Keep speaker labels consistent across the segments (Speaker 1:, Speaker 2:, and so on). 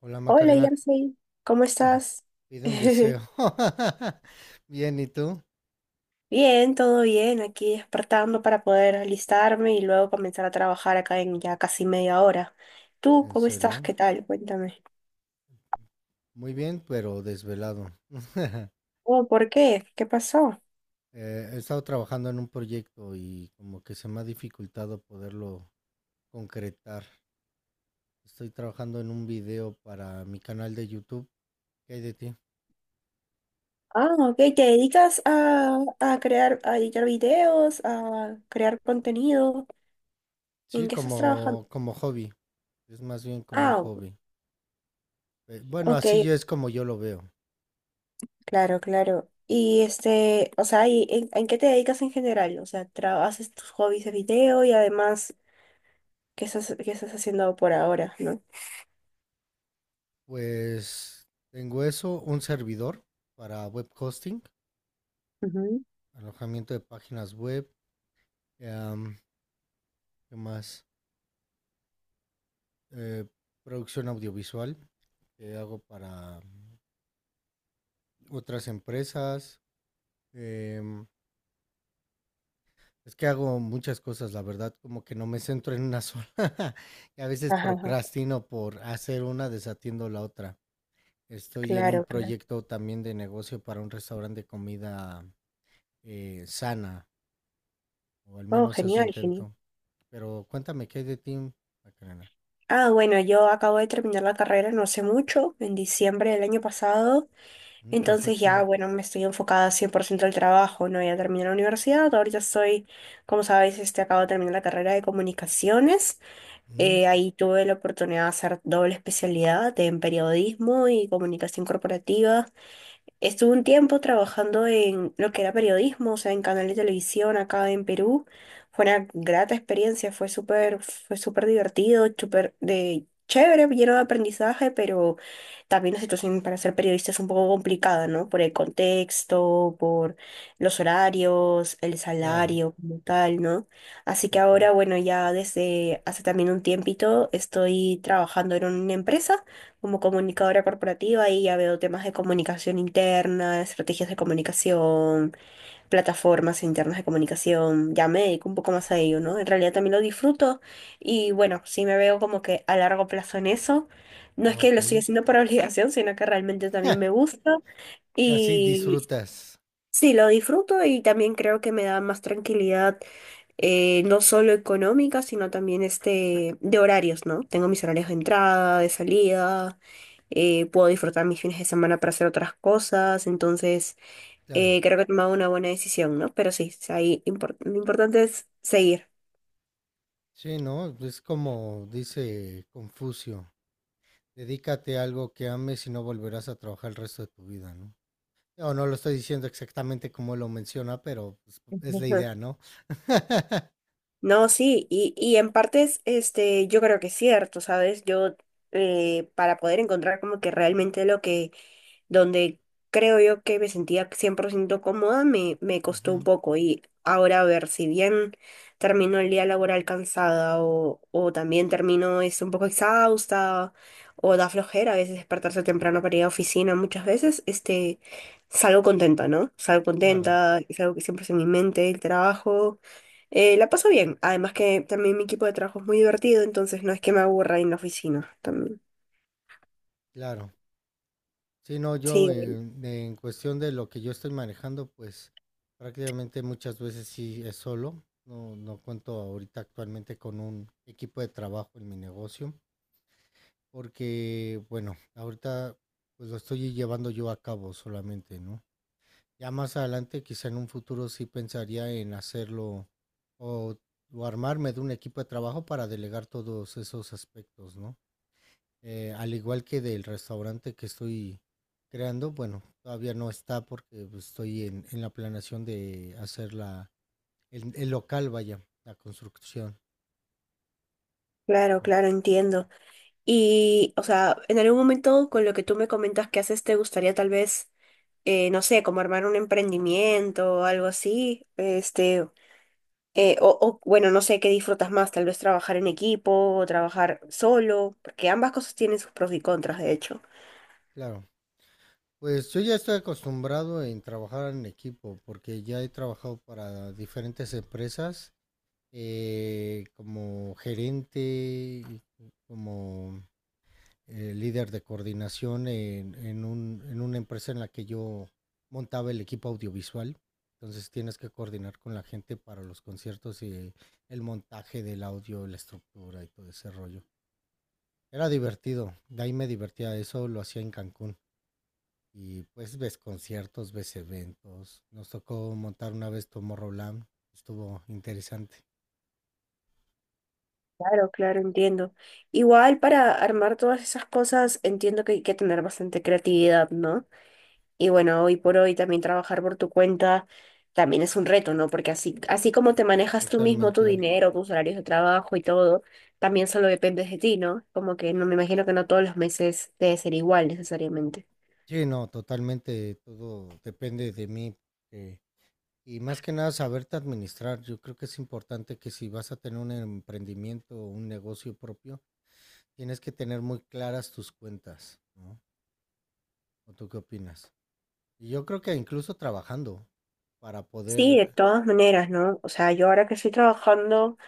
Speaker 1: Hola,
Speaker 2: Hola,
Speaker 1: Macarena.
Speaker 2: Yarsi, ¿cómo estás?
Speaker 1: Pide un deseo. Bien, ¿y tú?
Speaker 2: Bien, todo bien, aquí despertando para poder alistarme y luego comenzar a trabajar acá en ya casi media hora. ¿Tú
Speaker 1: ¿En
Speaker 2: cómo estás?
Speaker 1: serio?
Speaker 2: ¿Qué tal? Cuéntame.
Speaker 1: Muy bien, pero desvelado.
Speaker 2: Oh, ¿por qué? ¿Qué pasó?
Speaker 1: He estado trabajando en un proyecto y como que se me ha dificultado poderlo concretar. Estoy trabajando en un video para mi canal de YouTube. ¿Qué hay de ti?
Speaker 2: Ah, ok, ¿te dedicas a crear, a editar videos, a crear contenido?
Speaker 1: Sí,
Speaker 2: ¿En qué estás trabajando?
Speaker 1: como hobby. Es más bien como un
Speaker 2: Ah,
Speaker 1: hobby. Bueno,
Speaker 2: ok,
Speaker 1: así yo es como yo lo veo.
Speaker 2: claro, claro. Y o sea, ¿y en qué te dedicas en general? O sea, haces tus hobbies de video y además qué estás haciendo por ahora, ¿no?
Speaker 1: Pues tengo eso, un servidor para web hosting,
Speaker 2: Ujú.
Speaker 1: alojamiento de páginas web. Em, ¿Qué más? Eh, producción audiovisual que hago para otras empresas. em, es que hago muchas cosas, la verdad, como que no me centro en una sola. Y a veces
Speaker 2: Ajá, ajá.
Speaker 1: procrastino por hacer una, desatiendo la otra. Estoy en un
Speaker 2: Claro, claro.
Speaker 1: proyecto también de negocio para un restaurante de comida sana, o al
Speaker 2: Oh,
Speaker 1: menos eso
Speaker 2: genial, genial.
Speaker 1: intento. Pero cuéntame, ¿qué hay de ti, Macarena?
Speaker 2: Ah, bueno, yo acabo de terminar la carrera no hace mucho, en diciembre del año pasado,
Speaker 1: Mm,
Speaker 2: entonces
Speaker 1: perfecto.
Speaker 2: ya, bueno, me estoy enfocada 100% al trabajo, ¿no? Ya terminé la universidad, ahorita estoy, como sabéis, acabo de terminar la carrera de comunicaciones.
Speaker 1: Mm,
Speaker 2: Ahí tuve la oportunidad de hacer doble especialidad en periodismo y comunicación corporativa. Estuve un tiempo trabajando en lo que era periodismo, o sea, en canal de televisión acá en Perú. Fue una grata experiencia, fue súper divertido, súper de chévere, lleno de aprendizaje, pero también la situación para ser periodista es un poco complicada, ¿no? Por el contexto, por los horarios, el
Speaker 1: claro.
Speaker 2: salario como tal, ¿no? Así que
Speaker 1: Ujú.
Speaker 2: ahora, bueno, ya desde hace también un tiempito estoy trabajando en una empresa como comunicadora corporativa y ya veo temas de comunicación interna, estrategias de comunicación, plataformas internas de comunicación, ya me dedico un poco más a ello, ¿no? En realidad también lo disfruto y bueno, sí me veo como que a largo plazo en eso. No es
Speaker 1: Ah,
Speaker 2: que
Speaker 1: ok.
Speaker 2: lo estoy haciendo por obligación, sino que realmente también me gusta
Speaker 1: Y así
Speaker 2: y
Speaker 1: disfrutas,
Speaker 2: sí, lo disfruto y también creo que me da más tranquilidad, no solo económica, sino también de horarios, ¿no? Tengo mis horarios de entrada, de salida. Eh, puedo disfrutar mis fines de semana para hacer otras cosas, entonces
Speaker 1: claro.
Speaker 2: creo que he tomado una buena decisión, ¿no? Pero sí, ahí lo importante es seguir.
Speaker 1: Sí, ¿no? Es como dice Confucio, dedícate a algo que ames y no volverás a trabajar el resto de tu vida, ¿no? O no lo estoy diciendo exactamente como lo menciona, pero pues, es la idea, ¿no?
Speaker 2: No, sí, y en partes, yo creo que es cierto, ¿sabes? Para poder encontrar como que realmente donde creo yo que me sentía 100% cómoda, me costó un
Speaker 1: Ujú.
Speaker 2: poco. Y ahora, a ver, si bien termino el día laboral cansada o también termino es un poco exhausta o da flojera a veces despertarse temprano para ir a oficina, muchas veces, salgo contenta, ¿no? Salgo
Speaker 1: Claro,
Speaker 2: contenta, es algo que siempre es en mi mente, el trabajo. La paso bien, además que también mi equipo de trabajo es muy divertido, entonces no es que me aburra en la oficina también.
Speaker 1: claro. Sí, no, yo
Speaker 2: Sí,
Speaker 1: en cuestión de lo que yo estoy manejando, pues prácticamente muchas veces sí es solo. No, no cuento ahorita actualmente con un equipo de trabajo en mi negocio. Porque, bueno, ahorita pues lo estoy llevando yo a cabo solamente, ¿no? Ya más adelante, quizá en un futuro sí pensaría en hacerlo o, o armarme de un equipo de trabajo para delegar todos esos aspectos, ¿no? Al igual que del restaurante que estoy creando, bueno, todavía no está porque pues, estoy en la planeación de hacer el local, vaya, la construcción.
Speaker 2: claro, claro, entiendo. Y, o sea, en algún momento con lo que tú me comentas que haces, ¿te gustaría tal vez, no sé, como armar un emprendimiento o algo así? O, bueno, no sé qué disfrutas más, tal vez trabajar en equipo o trabajar solo, porque ambas cosas tienen sus pros y contras, de hecho.
Speaker 1: Claro. Pues yo ya estoy acostumbrado en trabajar en equipo, porque ya he trabajado para diferentes empresas, como gerente, como líder de coordinación en una empresa en la que yo montaba el equipo audiovisual. Entonces tienes que coordinar con la gente para los conciertos y el montaje del audio, la estructura y todo ese rollo. Era divertido, de ahí me divertía, eso lo hacía en Cancún. Y pues ves conciertos, ves eventos. Nos tocó montar una vez Tomorrowland. Estuvo interesante.
Speaker 2: Claro, claro, entiendo. Igual para armar todas esas cosas entiendo que hay que tener bastante creatividad, ¿no? Y bueno, hoy por hoy también trabajar por tu cuenta también es un reto, ¿no? Porque así, así como te manejas tú mismo tu
Speaker 1: Totalmente.
Speaker 2: dinero, tus horarios de trabajo y todo, también solo dependes de ti, ¿no? Como que no me imagino que no todos los meses debe ser igual necesariamente.
Speaker 1: Sí, no, totalmente. Todo depende de mí. eh, y más que nada saberte administrar. Yo creo que es importante que si vas a tener un emprendimiento o un negocio propio, tienes que tener muy claras tus cuentas, ¿no? ¿O tú qué opinas? Y yo creo que incluso trabajando para
Speaker 2: Sí, de
Speaker 1: poder...
Speaker 2: todas maneras, ¿no? O sea, yo ahora que estoy trabajando,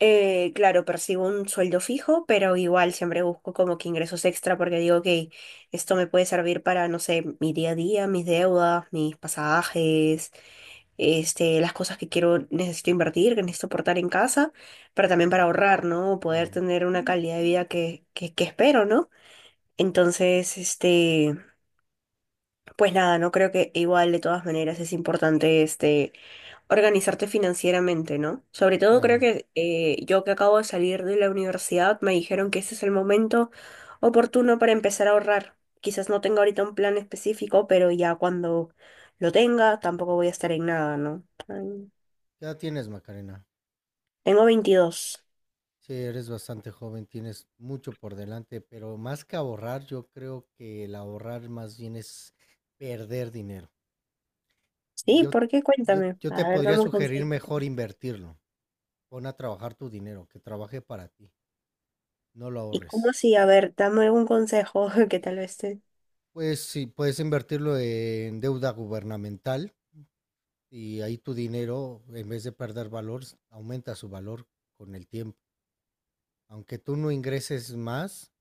Speaker 2: Claro, percibo un sueldo fijo, pero igual siempre busco como que ingresos extra porque digo, ok, esto me puede servir para, no sé, mi día a día, mis deudas, mis pasajes, las cosas que quiero, necesito invertir, que necesito aportar en casa, pero también para
Speaker 1: Mm.
Speaker 2: ahorrar, ¿no? Poder
Speaker 1: Claro,
Speaker 2: tener una calidad de vida que espero, ¿no? Entonces, este... Pues nada, no creo que igual de todas maneras es importante organizarte financieramente, ¿no? Sobre todo creo
Speaker 1: claro.
Speaker 2: que yo que acabo de salir de la universidad me dijeron que ese es el momento oportuno para empezar a ahorrar. Quizás no tenga ahorita un plan específico, pero ya cuando lo tenga tampoco voy a estar en nada, ¿no? Ay,
Speaker 1: ¿Qué edad tienes, Macarena?
Speaker 2: tengo 22.
Speaker 1: Sí, eres bastante joven, tienes mucho por delante, pero más que ahorrar, yo creo que el ahorrar más bien es perder dinero.
Speaker 2: Sí,
Speaker 1: Yo,
Speaker 2: ¿por qué?
Speaker 1: yo,
Speaker 2: Cuéntame.
Speaker 1: yo te
Speaker 2: A ver,
Speaker 1: podría
Speaker 2: dame un
Speaker 1: sugerir
Speaker 2: consejo.
Speaker 1: mejor invertirlo. Pon a trabajar tu dinero, que trabaje para ti, no lo
Speaker 2: ¿Y cómo
Speaker 1: ahorres.
Speaker 2: así? A ver, dame un consejo que tal vez te...
Speaker 1: Pues sí, puedes invertirlo en deuda gubernamental y ahí tu dinero, en vez de perder valor, aumenta su valor con el tiempo. Aunque tú no ingreses más,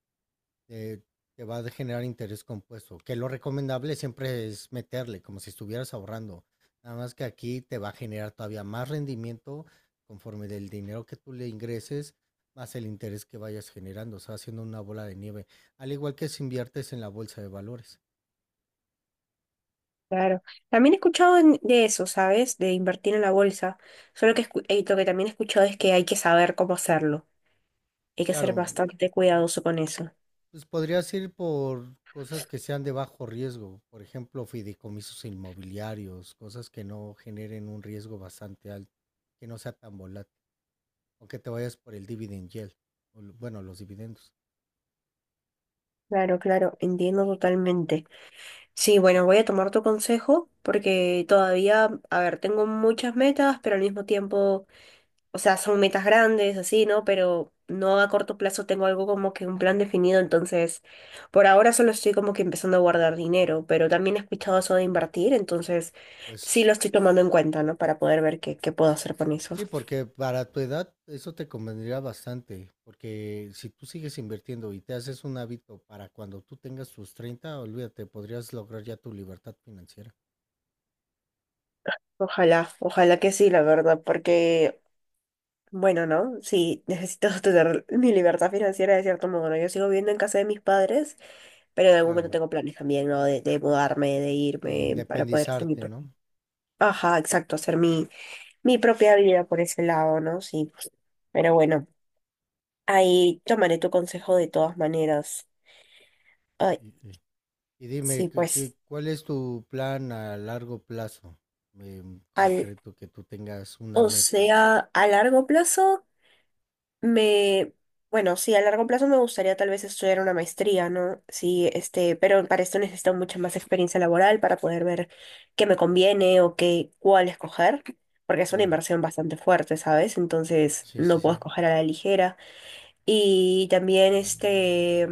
Speaker 1: eh, te va a generar interés compuesto. Que lo recomendable siempre es meterle, como si estuvieras ahorrando. Nada más que aquí te va a generar todavía más rendimiento conforme del dinero que tú le ingreses, más el interés que vayas generando. O sea, haciendo una bola de nieve. Al igual que si inviertes en la bolsa de valores.
Speaker 2: Claro. También he escuchado de eso, ¿sabes? De invertir en la bolsa. Solo que lo que también he escuchado es que hay que saber cómo hacerlo. Hay que ser
Speaker 1: Claro, mm,
Speaker 2: bastante cuidadoso con eso.
Speaker 1: pues podrías ir por cosas que sean de bajo riesgo. Por ejemplo, fideicomisos inmobiliarios, cosas que no generen un riesgo bastante alto, que no sea tan volátil. O que te vayas por el dividend yield, bueno, los dividendos.
Speaker 2: Claro, claro, entiendo totalmente. Sí, bueno, voy a tomar tu consejo porque todavía, a ver, tengo muchas metas, pero al mismo tiempo... o sea, son metas grandes, así, ¿no? Pero no a corto plazo tengo algo como que un plan definido, entonces por ahora solo estoy como que empezando a guardar dinero, pero también he escuchado eso de invertir, entonces sí
Speaker 1: Pues
Speaker 2: lo estoy tomando en cuenta, ¿no? Para poder ver qué puedo hacer con eso.
Speaker 1: sí, porque para tu edad eso te convendría bastante, porque si tú sigues invirtiendo y te haces un hábito para cuando tú tengas tus 30 olvídate, podrías lograr ya tu libertad financiera.
Speaker 2: Ojalá, ojalá que sí, la verdad, porque, bueno, ¿no? Sí, necesito tener mi libertad financiera de cierto modo, ¿no? Yo sigo viviendo en casa de mis padres, pero en algún momento
Speaker 1: Claro,
Speaker 2: tengo planes también, ¿no? De mudarme, de
Speaker 1: de
Speaker 2: irme para poder hacer mi
Speaker 1: independizarte,
Speaker 2: propio.
Speaker 1: ¿no?
Speaker 2: Ajá, exacto, mi propia vida por ese lado, ¿no? Sí. Pero bueno, ahí tomaré tu consejo de todas maneras. Ay,
Speaker 1: Y- y- Y dime,
Speaker 2: sí,
Speaker 1: ¿qué-
Speaker 2: pues,
Speaker 1: qué- cuál es tu plan a largo plazo? En
Speaker 2: al,
Speaker 1: concreto, que tú tengas una meta.
Speaker 2: a largo plazo me, bueno, sí, a largo plazo me gustaría tal vez estudiar una maestría, ¿no? Sí, pero para esto necesito mucha más experiencia laboral para poder ver qué me conviene o cuál escoger, porque es una
Speaker 1: Claro.
Speaker 2: inversión bastante fuerte, ¿sabes? Entonces,
Speaker 1: Sí, sí,
Speaker 2: no puedo
Speaker 1: sí.
Speaker 2: escoger a la ligera. Y también,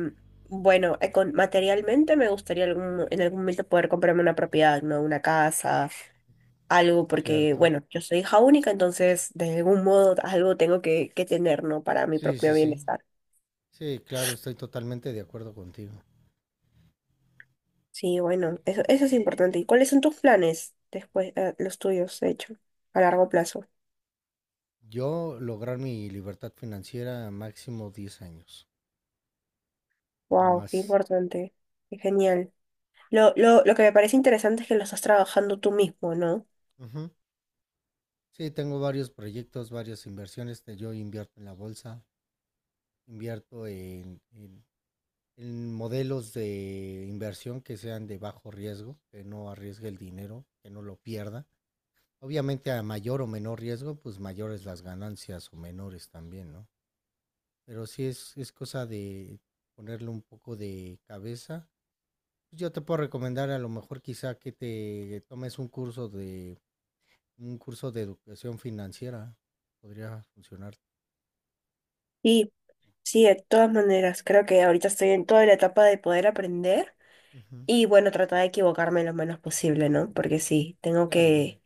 Speaker 2: bueno, materialmente me gustaría en algún momento poder comprarme una propiedad, ¿no? Una casa, algo, porque,
Speaker 1: Cierto.
Speaker 2: bueno, yo soy hija única, entonces de algún modo algo tengo que tener, ¿no? Para mi
Speaker 1: Sí, sí,
Speaker 2: propio
Speaker 1: sí.
Speaker 2: bienestar.
Speaker 1: Sí, claro, estoy totalmente de acuerdo contigo.
Speaker 2: Sí, bueno, eso es importante. ¿Y cuáles son tus planes después, los tuyos, de hecho, a largo plazo?
Speaker 1: Yo lograr mi libertad financiera máximo 10 años, no
Speaker 2: Wow, qué
Speaker 1: más.
Speaker 2: importante, qué genial. Lo que me parece interesante es que lo estás trabajando tú mismo, ¿no?
Speaker 1: Ujú. Sí, tengo varios proyectos, varias inversiones. Yo invierto en la bolsa, invierto en modelos de inversión que sean de bajo riesgo, que no arriesgue el dinero, que no lo pierda. Obviamente a mayor o menor riesgo, pues mayores las ganancias o menores también, ¿no? Pero sí es cosa de ponerle un poco de cabeza pues. Yo te puedo recomendar a lo mejor quizá que te tomes un curso de educación financiera. Podría funcionar.
Speaker 2: Sí. Sí, de todas maneras, creo que ahorita estoy en toda la etapa de poder aprender
Speaker 1: Ujú.
Speaker 2: y bueno, tratar de equivocarme lo menos posible, ¿no? Porque sí, tengo
Speaker 1: Claro,
Speaker 2: que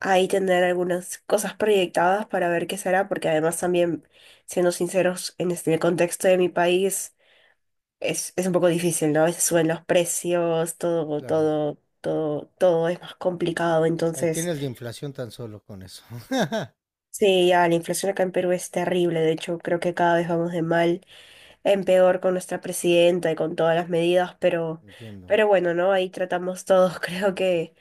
Speaker 2: ahí tener algunas cosas proyectadas para ver qué será, porque además también, siendo sinceros, en el contexto de mi país es un poco difícil, ¿no? A veces suben los precios, todo,
Speaker 1: claro.
Speaker 2: todo, todo, todo es más complicado,
Speaker 1: Ahí
Speaker 2: entonces
Speaker 1: tienes la inflación tan solo con eso.
Speaker 2: sí, ya la inflación acá en Perú es terrible, de hecho creo que cada vez vamos de mal en peor con nuestra presidenta y con todas las medidas,
Speaker 1: Entiendo.
Speaker 2: pero bueno, ¿no? Ahí tratamos todos, creo que,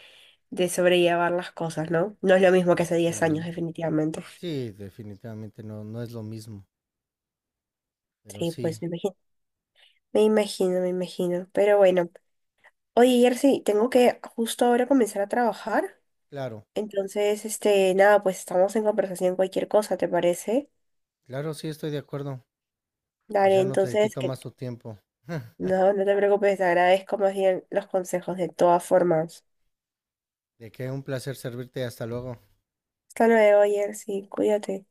Speaker 2: de sobrellevar las cosas, ¿no? No es lo mismo que hace
Speaker 1: Muy
Speaker 2: 10 años,
Speaker 1: bien.
Speaker 2: definitivamente.
Speaker 1: Sí, definitivamente no, no es lo mismo. Pero
Speaker 2: Sí, pues
Speaker 1: sí,
Speaker 2: me imagino, me imagino, me imagino. Pero bueno, oye, Jersey, tengo que justo ahora comenzar a trabajar.
Speaker 1: claro.
Speaker 2: Entonces, nada, pues estamos en conversación cualquier cosa, ¿te parece?
Speaker 1: Claro, sí estoy de acuerdo. Pues
Speaker 2: Dale,
Speaker 1: ya no te
Speaker 2: entonces,
Speaker 1: quito
Speaker 2: que
Speaker 1: más tu tiempo.
Speaker 2: no, no te preocupes, te agradezco más bien los consejos de todas formas.
Speaker 1: De que un placer servirte. Hasta luego.
Speaker 2: Hasta luego, Jersey, cuídate.